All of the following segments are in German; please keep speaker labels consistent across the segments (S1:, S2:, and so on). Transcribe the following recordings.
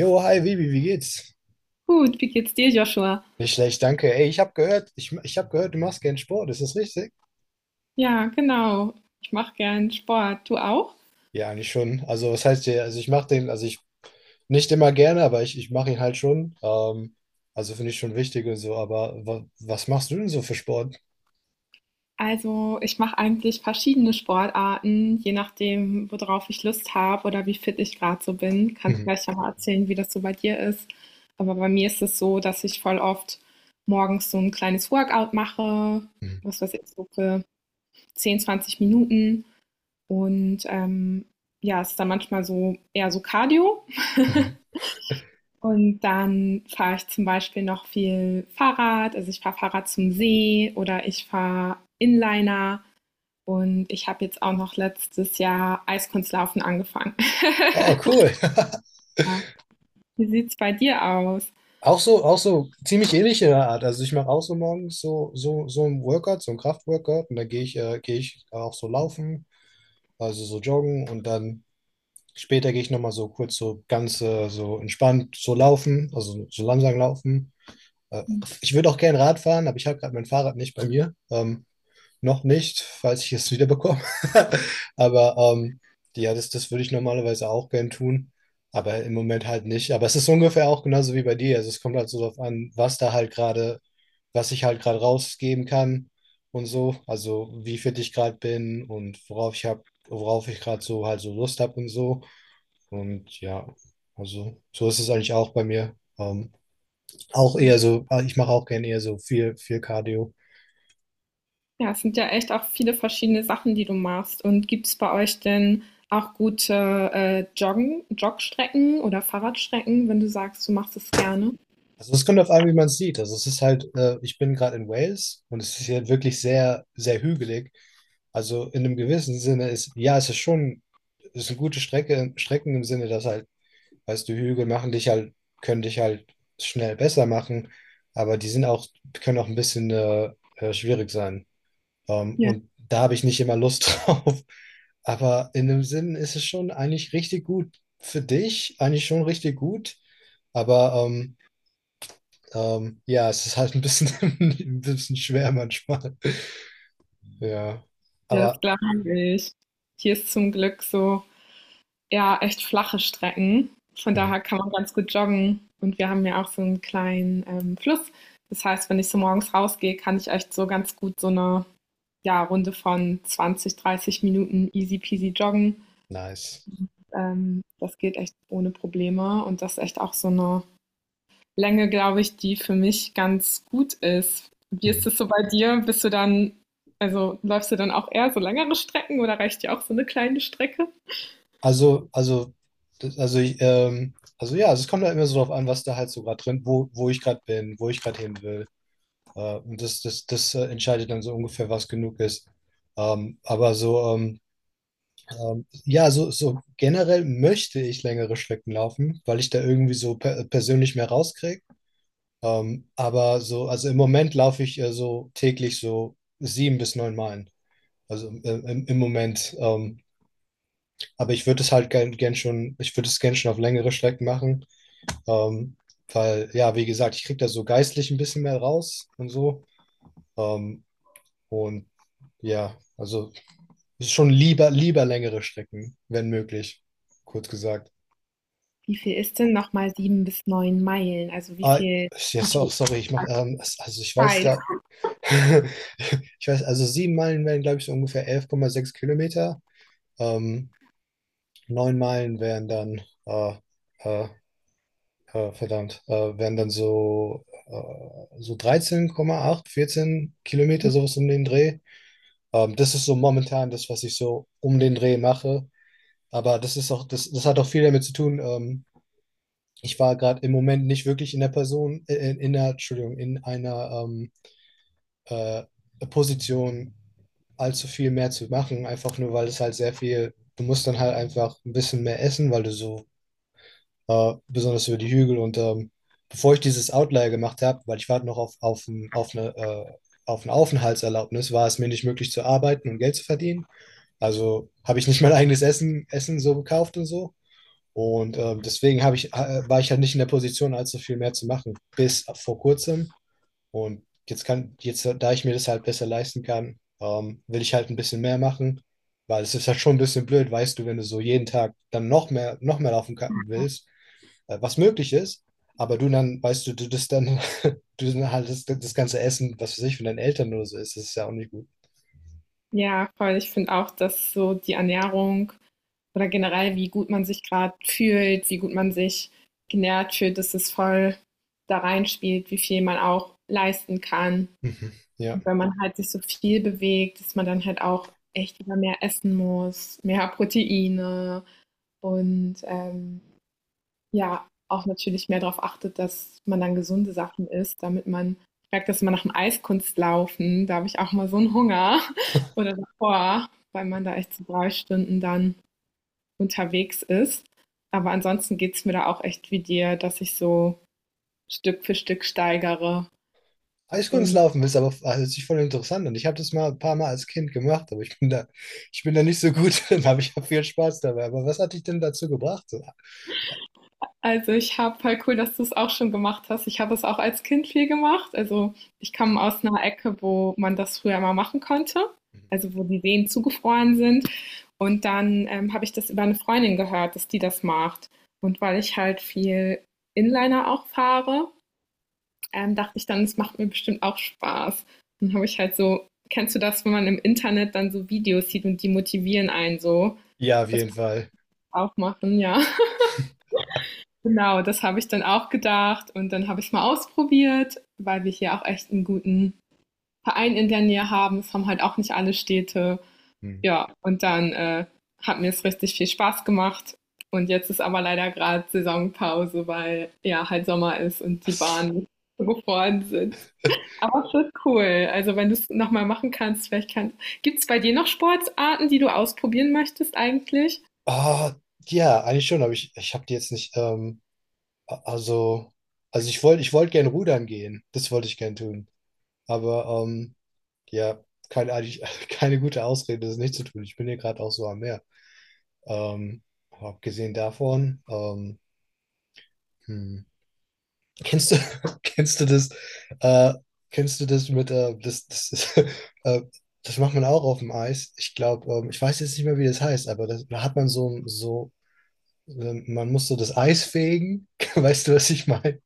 S1: Jo, hi Vivi, wie geht's?
S2: Gut, wie geht's dir, Joshua?
S1: Nicht schlecht, danke. Ey, ich habe gehört, ich habe gehört, du machst gern Sport, ist das richtig?
S2: Ja, genau. Ich mache gern Sport. Du auch?
S1: Ja, eigentlich schon. Also, was heißt ja, also ich mache den, also ich nicht immer gerne, aber ich mache ihn halt schon. Also finde ich schon wichtig und so, aber was machst du denn so für Sport?
S2: Also, ich mache eigentlich verschiedene Sportarten, je nachdem, worauf ich Lust habe oder wie fit ich gerade so bin. Kannst
S1: Mhm.
S2: gleich ja mal erzählen, wie das so bei dir ist. Aber bei mir ist es so, dass ich voll oft morgens so ein kleines Workout mache,
S1: Mhm.
S2: was weiß ich, so für 10, 20 Minuten. Und ja, es ist dann manchmal so eher so Cardio.
S1: Mhm.
S2: Und dann fahre ich zum Beispiel noch viel Fahrrad. Also ich fahre Fahrrad zum See oder ich fahre Inliner. Und ich habe jetzt auch noch letztes Jahr Eiskunstlaufen angefangen.
S1: Ah, cool.
S2: Ja. Wie sieht es bei dir aus?
S1: Auch so ziemlich ähnlich in der Art. Also ich mache auch so morgens so ein Workout, so ein Kraftworkout und dann gehe ich auch so laufen, also so joggen und dann später gehe ich nochmal so kurz so ganz so entspannt so laufen, also so langsam laufen. Äh, Ich würde auch gerne Rad fahren, aber ich habe gerade mein Fahrrad nicht bei mir. Noch nicht, falls ich es wieder bekomme. Aber ja, das würde ich normalerweise auch gern tun. Aber im Moment halt nicht. Aber es ist ungefähr auch genauso wie bei dir. Also es kommt halt so darauf an, was da halt gerade, was ich halt gerade rausgeben kann und so. Also wie fit ich gerade bin und worauf ich hab, worauf ich gerade so halt so Lust habe und so. Und ja, also so ist es eigentlich auch bei mir. Auch eher so, ich mache auch gerne eher so viel, viel Cardio.
S2: Ja, es sind ja echt auch viele verschiedene Sachen, die du machst. Und gibt es bei euch denn auch gute Jogstrecken oder Fahrradstrecken, wenn du sagst, du machst es gerne?
S1: Also es kommt auf an, wie man es sieht. Also es ist halt, ich bin gerade in Wales und es ist hier wirklich sehr, sehr hügelig. Also in einem gewissen Sinne ist, ja, es ist schon, es ist eine gute Strecke, Strecken im Sinne, dass halt, weißt du, Hügel machen dich halt, können dich halt schnell besser machen, aber die sind auch, können auch ein bisschen schwierig sein.
S2: Ja,
S1: Und da habe ich nicht immer Lust drauf. Aber in dem Sinn ist es schon eigentlich richtig gut für dich, eigentlich schon richtig gut. Aber ja, es ist halt ein bisschen, ein bisschen schwer manchmal. Ja,
S2: ja, das
S1: aber
S2: glaube ich. Hier ist zum Glück so ja echt flache Strecken. Von
S1: mhm,
S2: daher kann man ganz gut joggen. Und wir haben ja auch so einen kleinen Fluss. Das heißt, wenn ich so morgens rausgehe, kann ich echt so ganz gut so eine ja, Runde von 20, 30 Minuten easy peasy joggen.
S1: nice.
S2: Das geht echt ohne Probleme. Und das ist echt auch so eine Länge, glaube ich, die für mich ganz gut ist. Wie ist
S1: Mhm.
S2: es so bei dir? Bist du dann, also läufst du dann auch eher so längere Strecken oder reicht dir auch so eine kleine Strecke?
S1: Also, das- also, ich, also ja, also es kommt halt immer so drauf an, was da halt so gerade drin, wo, wo ich gerade bin, wo ich gerade hin will. Und das entscheidet dann so ungefähr, was genug ist. Ähm, aber so, ähm, ja, so, so generell möchte ich längere Strecken laufen, weil ich da irgendwie so persönlich mehr rauskriege. Aber so, also im Moment laufe ich so täglich so 7 bis 9 Meilen. Also im Moment. Aber ich würde es halt gern schon, ich würde es gern schon auf längere Strecken machen. Ähm, Weil, ja, wie gesagt, ich kriege da so geistlich ein bisschen mehr raus und so. Ähm, und ja, also schon lieber längere Strecken, wenn möglich, kurz gesagt.
S2: Wie viel ist denn noch mal 7 bis 9 Meilen? Also,
S1: Ah,
S2: wie viel ist
S1: Sorry, ich mache, also ich weiß
S2: Zeit?
S1: da, ich weiß, also 7 Meilen wären, glaube ich, so ungefähr 11,6 Kilometer. Ähm, 9 Meilen wären dann, äh, verdammt, wären dann so, so 13,8 14 Kilometer, sowas um den Dreh. Das ist so momentan das, was ich so um den Dreh mache. Aber das ist auch, das hat auch viel damit zu tun. Ich war gerade im Moment nicht wirklich in der Person, in der, Entschuldigung, in einer, äh, Position allzu viel mehr zu machen, einfach nur weil es halt sehr viel, du musst dann halt einfach ein bisschen mehr essen, weil du so, besonders über die Hügel und bevor ich dieses Outlier gemacht habe, weil ich warte noch auf eine Aufenthaltserlaubnis war es mir nicht möglich zu arbeiten und Geld zu verdienen. Also habe ich nicht mein eigenes Essen so gekauft und so. Und deswegen habe ich, war ich halt nicht in der Position, allzu viel mehr zu machen. Bis vor kurzem, und jetzt kann, jetzt, da ich mir das halt besser leisten kann, will ich halt ein bisschen mehr machen, weil es ist halt schon ein bisschen blöd, weißt du, wenn du so jeden Tag dann noch noch mehr willst, was möglich ist, aber du dann, weißt du, du das dann, du dann halt das ganze Essen, was für sich von deinen Eltern oder so ist, das ist ja auch nicht gut.
S2: Ja, voll. Ich finde auch, dass so die Ernährung oder generell, wie gut man sich gerade fühlt, wie gut man sich genährt fühlt, dass es voll da reinspielt, wie viel man auch leisten kann.
S1: Mhm. Ja.
S2: Und wenn man halt sich so viel bewegt, dass man dann halt auch echt wieder mehr essen muss, mehr Proteine und, ja, auch natürlich mehr darauf achtet, dass man dann gesunde Sachen isst, damit man ich merke das immer nach dem Eiskunstlaufen, da habe ich auch mal so einen Hunger oder davor, weil man da echt so 3 Stunden dann unterwegs ist. Aber ansonsten geht es mir da auch echt wie dir, dass ich so Stück für Stück steigere und.
S1: Eiskunstlaufen ist aber also, hört sich voll interessant an. Ich habe das mal ein paar Mal als Kind gemacht, aber ich bin da nicht so gut drin, aber ich habe viel Spaß dabei. Aber was hat dich denn dazu gebracht? So?
S2: Also, ich habe voll cool, dass du es auch schon gemacht hast. Ich habe es auch als Kind viel gemacht. Also, ich komme aus einer Ecke, wo man das früher mal machen konnte, also, wo die Seen zugefroren sind. Und dann, habe ich das über eine Freundin gehört, dass die das macht. Und weil ich halt viel Inliner auch fahre, dachte ich dann, es macht mir bestimmt auch Spaß. Dann habe ich halt so, kennst du das, wenn man im Internet dann so Videos sieht und die motivieren einen so?
S1: Ja, auf
S2: Das
S1: jeden
S2: muss ich
S1: Fall.
S2: auch machen, ja. Genau, das habe ich dann auch gedacht und dann habe ich es mal ausprobiert, weil wir hier auch echt einen guten Verein in der Nähe haben. Es haben halt auch nicht alle Städte.
S1: Hm.
S2: Ja, und dann hat mir es richtig viel Spaß gemacht. Und jetzt ist aber leider gerade Saisonpause, weil ja halt Sommer ist und die Bahnen so gefroren sind. Aber es ist cool. Also wenn du es nochmal machen kannst, vielleicht kannst. Gibt es bei dir noch Sportarten, die du ausprobieren möchtest eigentlich?
S1: Ah, ja, eigentlich schon, aber ich habe die jetzt nicht, a- also, also ich wollte gern rudern gehen. Das wollte ich gern tun. Aber ja, keine, eigentlich, keine gute Ausrede, das nicht zu tun. Ich bin hier gerade auch so am Meer. Ähm, aber abgesehen davon, hm. Kennst du, kennst du das, äh, kennst du das mit, das ist, äh, das macht man auch auf dem Eis. Ich glaube, ich weiß jetzt nicht mehr, wie das heißt, aber das, da hat man so, man muss so das Eis fegen. Weißt du, was ich meine?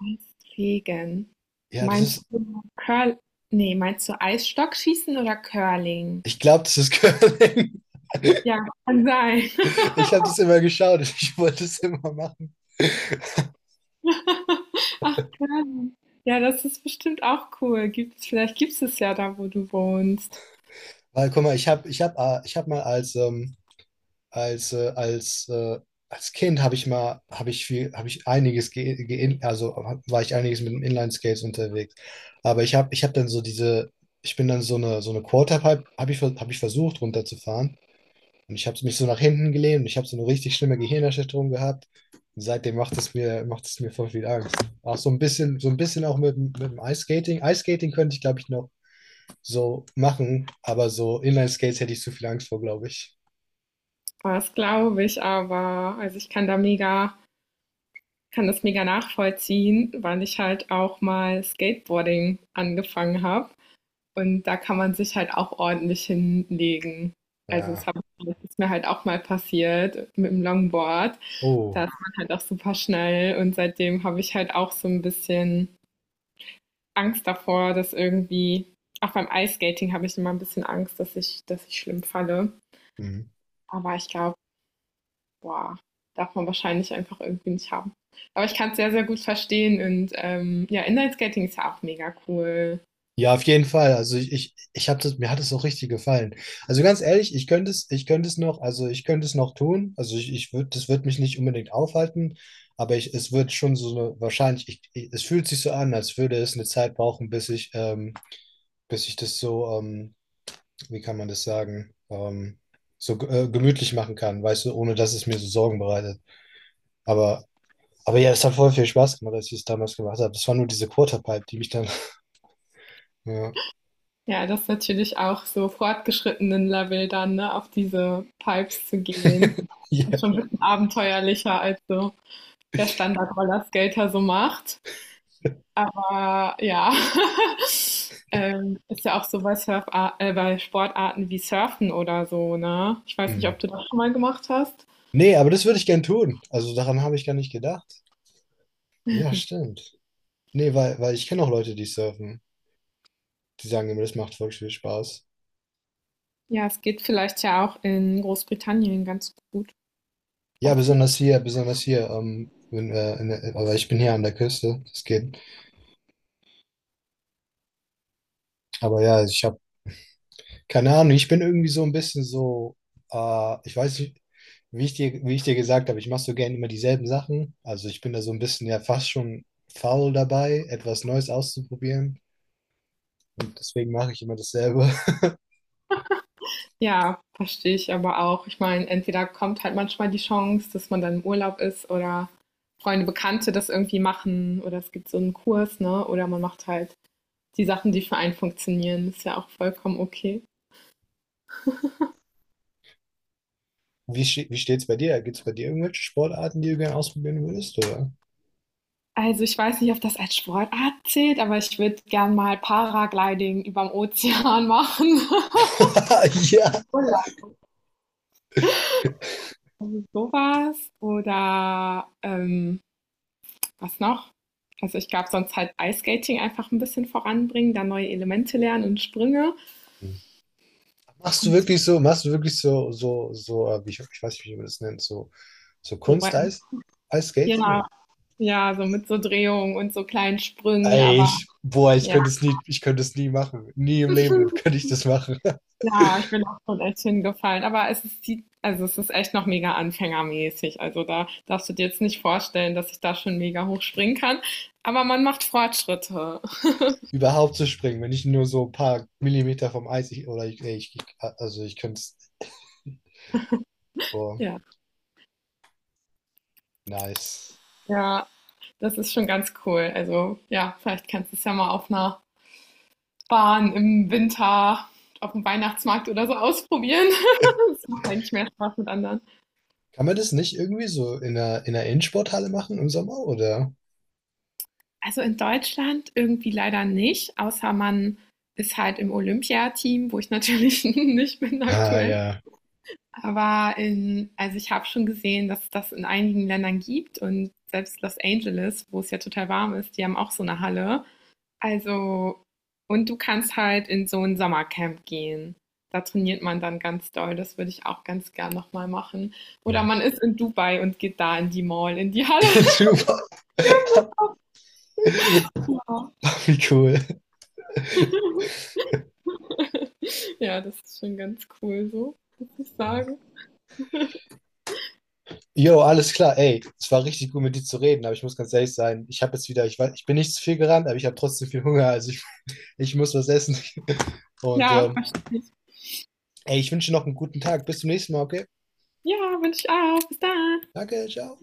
S2: Eisfegen.
S1: Ja, das
S2: Meinst
S1: ist,
S2: du Curl? Nee, meinst du Eisstockschießen oder Curling?
S1: ich glaube, das ist Curling.
S2: Ja, kann sein.
S1: Ich habe das immer geschaut. Ich wollte es immer machen.
S2: Curling. Ja, das ist bestimmt auch cool. Gibt's, vielleicht gibt es es ja da, wo du wohnst.
S1: Weil, guck mal, ich hab mal als, äh, als, äh, als Kind habe ich viel, habe ich einiges, war ich einiges mit dem Inline-Skates unterwegs. Aber ich hab dann so diese, ich bin dann so eine Quarterpipe, hab ich versucht runterzufahren. Und ich habe mich so nach hinten gelehnt und ich habe so eine richtig schlimme Gehirnerschütterung gehabt. Und seitdem macht es mir voll viel Angst. Auch so ein bisschen auch mit dem Ice Skating. Ice Skating könnte ich, glaube ich, noch so machen, aber so Inline Skates hätte ich zu viel Angst vor, glaube ich.
S2: Das glaube ich aber. Also ich kann da mega, kann das mega nachvollziehen, weil ich halt auch mal Skateboarding angefangen habe. Und da kann man sich halt auch ordentlich hinlegen. Also,
S1: Ja.
S2: das ist mir halt auch mal passiert mit dem Longboard.
S1: Oh.
S2: Da ist man halt auch super schnell und seitdem habe ich halt auch so ein bisschen Angst davor, dass irgendwie, auch beim Eiskating habe ich immer ein bisschen Angst, dass ich schlimm falle.
S1: Mhm.
S2: Aber ich glaube, boah, darf man wahrscheinlich einfach irgendwie nicht haben. Aber ich kann es sehr, sehr gut verstehen und ja, Inline-Skating ist ja auch mega cool.
S1: Ja, auf jeden Fall. Also ich habe das, mir hat es auch richtig gefallen. Also ganz ehrlich, ich könnte es noch, also ich könnte es noch tun. Also ich würde, das wird mich nicht unbedingt aufhalten, aber ich, es wird schon so eine, wahrscheinlich, es fühlt sich so an, als würde es eine Zeit brauchen, bis ich das so, wie kann man das sagen, gemütlich machen kann, weißt du, ohne dass es mir so Sorgen bereitet. Aber, aber ja, es hat voll viel Spaß gemacht, als ich es damals gemacht habe. Das war nur diese Quarterpipe, die mich dann, ja.
S2: Ja, das ist natürlich auch so fortgeschrittenen Level dann, ne, auf diese Pipes zu gehen.
S1: Ja.
S2: Das ist schon ein bisschen abenteuerlicher, als so der Standard-Rollerskater so macht. Aber ja, ist ja auch so bei, Surf bei Sportarten wie Surfen oder so, ne? Ich weiß nicht,
S1: Hm.
S2: ob du das schon mal gemacht hast.
S1: Nee, aber das würde ich gern tun. Also daran habe ich gar nicht gedacht. Ja, stimmt. Nee, weil ich kenne auch Leute, die surfen. Die sagen immer, das macht voll viel Spaß.
S2: Ja, es geht vielleicht ja auch in Großbritannien ganz gut. Ich
S1: Ja,
S2: weiß.
S1: besonders hier, besonders hier. Wenn, in der, aber ich bin hier an der Küste. Das geht. Aber ja, ich habe keine Ahnung. Ich bin irgendwie so ein bisschen so. Ich weiß nicht, wie ich dir gesagt habe. Ich mache so gerne immer dieselben Sachen. Also ich bin da so ein bisschen ja fast schon faul dabei, etwas Neues auszuprobieren. Und deswegen mache ich immer dasselbe.
S2: Ja, verstehe ich aber auch. Ich meine, entweder kommt halt manchmal die Chance, dass man dann im Urlaub ist oder Freunde, Bekannte das irgendwie machen oder es gibt so einen Kurs, ne? Oder man macht halt die Sachen, die für einen funktionieren. Ist ja auch vollkommen okay.
S1: Wie steht's bei dir? Gibt es bei dir irgendwelche Sportarten, die du gerne ausprobieren würdest, oder?
S2: Also ich weiß nicht, ob das als Sportart zählt, aber ich würde gern mal Paragliding überm Ozean machen.
S1: Ja.
S2: Urlaub. Also sowas. Oder was noch? Also ich glaube, sonst halt Eiskating einfach ein bisschen voranbringen, da neue Elemente lernen und Sprünge.
S1: Hm. Machst du
S2: Und so
S1: wirklich so, machst du wirklich wie ich, ich weiß nicht, wie man das nennt, so
S2: Rücken.
S1: Kunst-Eis, Eisskating?
S2: Ja,
S1: Oder?
S2: ja, so mit so Drehungen und so kleinen Sprüngen,
S1: Ey,
S2: aber ja,
S1: ich könnte es nie machen. Nie im Leben könnte ich das machen.
S2: ja, ich bin auch schon echt hingefallen. Aber es ist die, also es ist echt noch mega anfängermäßig. Also da darfst du dir jetzt nicht vorstellen, dass ich da schon mega hoch springen kann. Aber man macht Fortschritte.
S1: Überhaupt zu springen, wenn ich nur so ein paar Millimeter vom Eis, ich, oder ich, ey, ich, also ich könnte es, boah,
S2: Ja,
S1: nice.
S2: ja, das ist schon ganz cool. Also ja, vielleicht kannst du es ja mal auf einer Bahn im Winter, auf dem Weihnachtsmarkt oder so ausprobieren. Das macht eigentlich mehr Spaß mit anderen.
S1: Kann man das nicht irgendwie so in einer Innensporthalle machen im Sommer, oder?
S2: Also in Deutschland irgendwie leider nicht, außer man ist halt im Olympiateam, wo ich natürlich nicht bin
S1: Ah,
S2: aktuell.
S1: ja.
S2: Aber in, also ich habe schon gesehen, dass es das in einigen Ländern gibt und selbst Los Angeles, wo es ja total warm ist, die haben auch so eine Halle. Also, und du kannst halt in so ein Sommercamp gehen. Da trainiert man dann ganz doll. Das würde ich auch ganz gern nochmal machen. Oder
S1: Hm.
S2: man ist in Dubai und geht da in die Mall, in die Halle.
S1: Super.
S2: Ja.
S1: Wie cool.
S2: Ja, das ist schon ganz cool so, muss ich
S1: Ja.
S2: sagen.
S1: Jo, alles klar. Ey, es war richtig gut mit dir zu reden, aber ich muss ganz ehrlich sein, ich habe jetzt wieder, ich weiß, ich bin nicht zu viel gerannt, aber ich habe trotzdem viel Hunger, ich muss was essen. Und
S2: Ja, verstehe ich.
S1: ey, ich wünsche dir noch einen guten Tag. Bis zum nächsten Mal, okay?
S2: Ja, wünsche ich auch. Bis dann.
S1: Danke, ciao.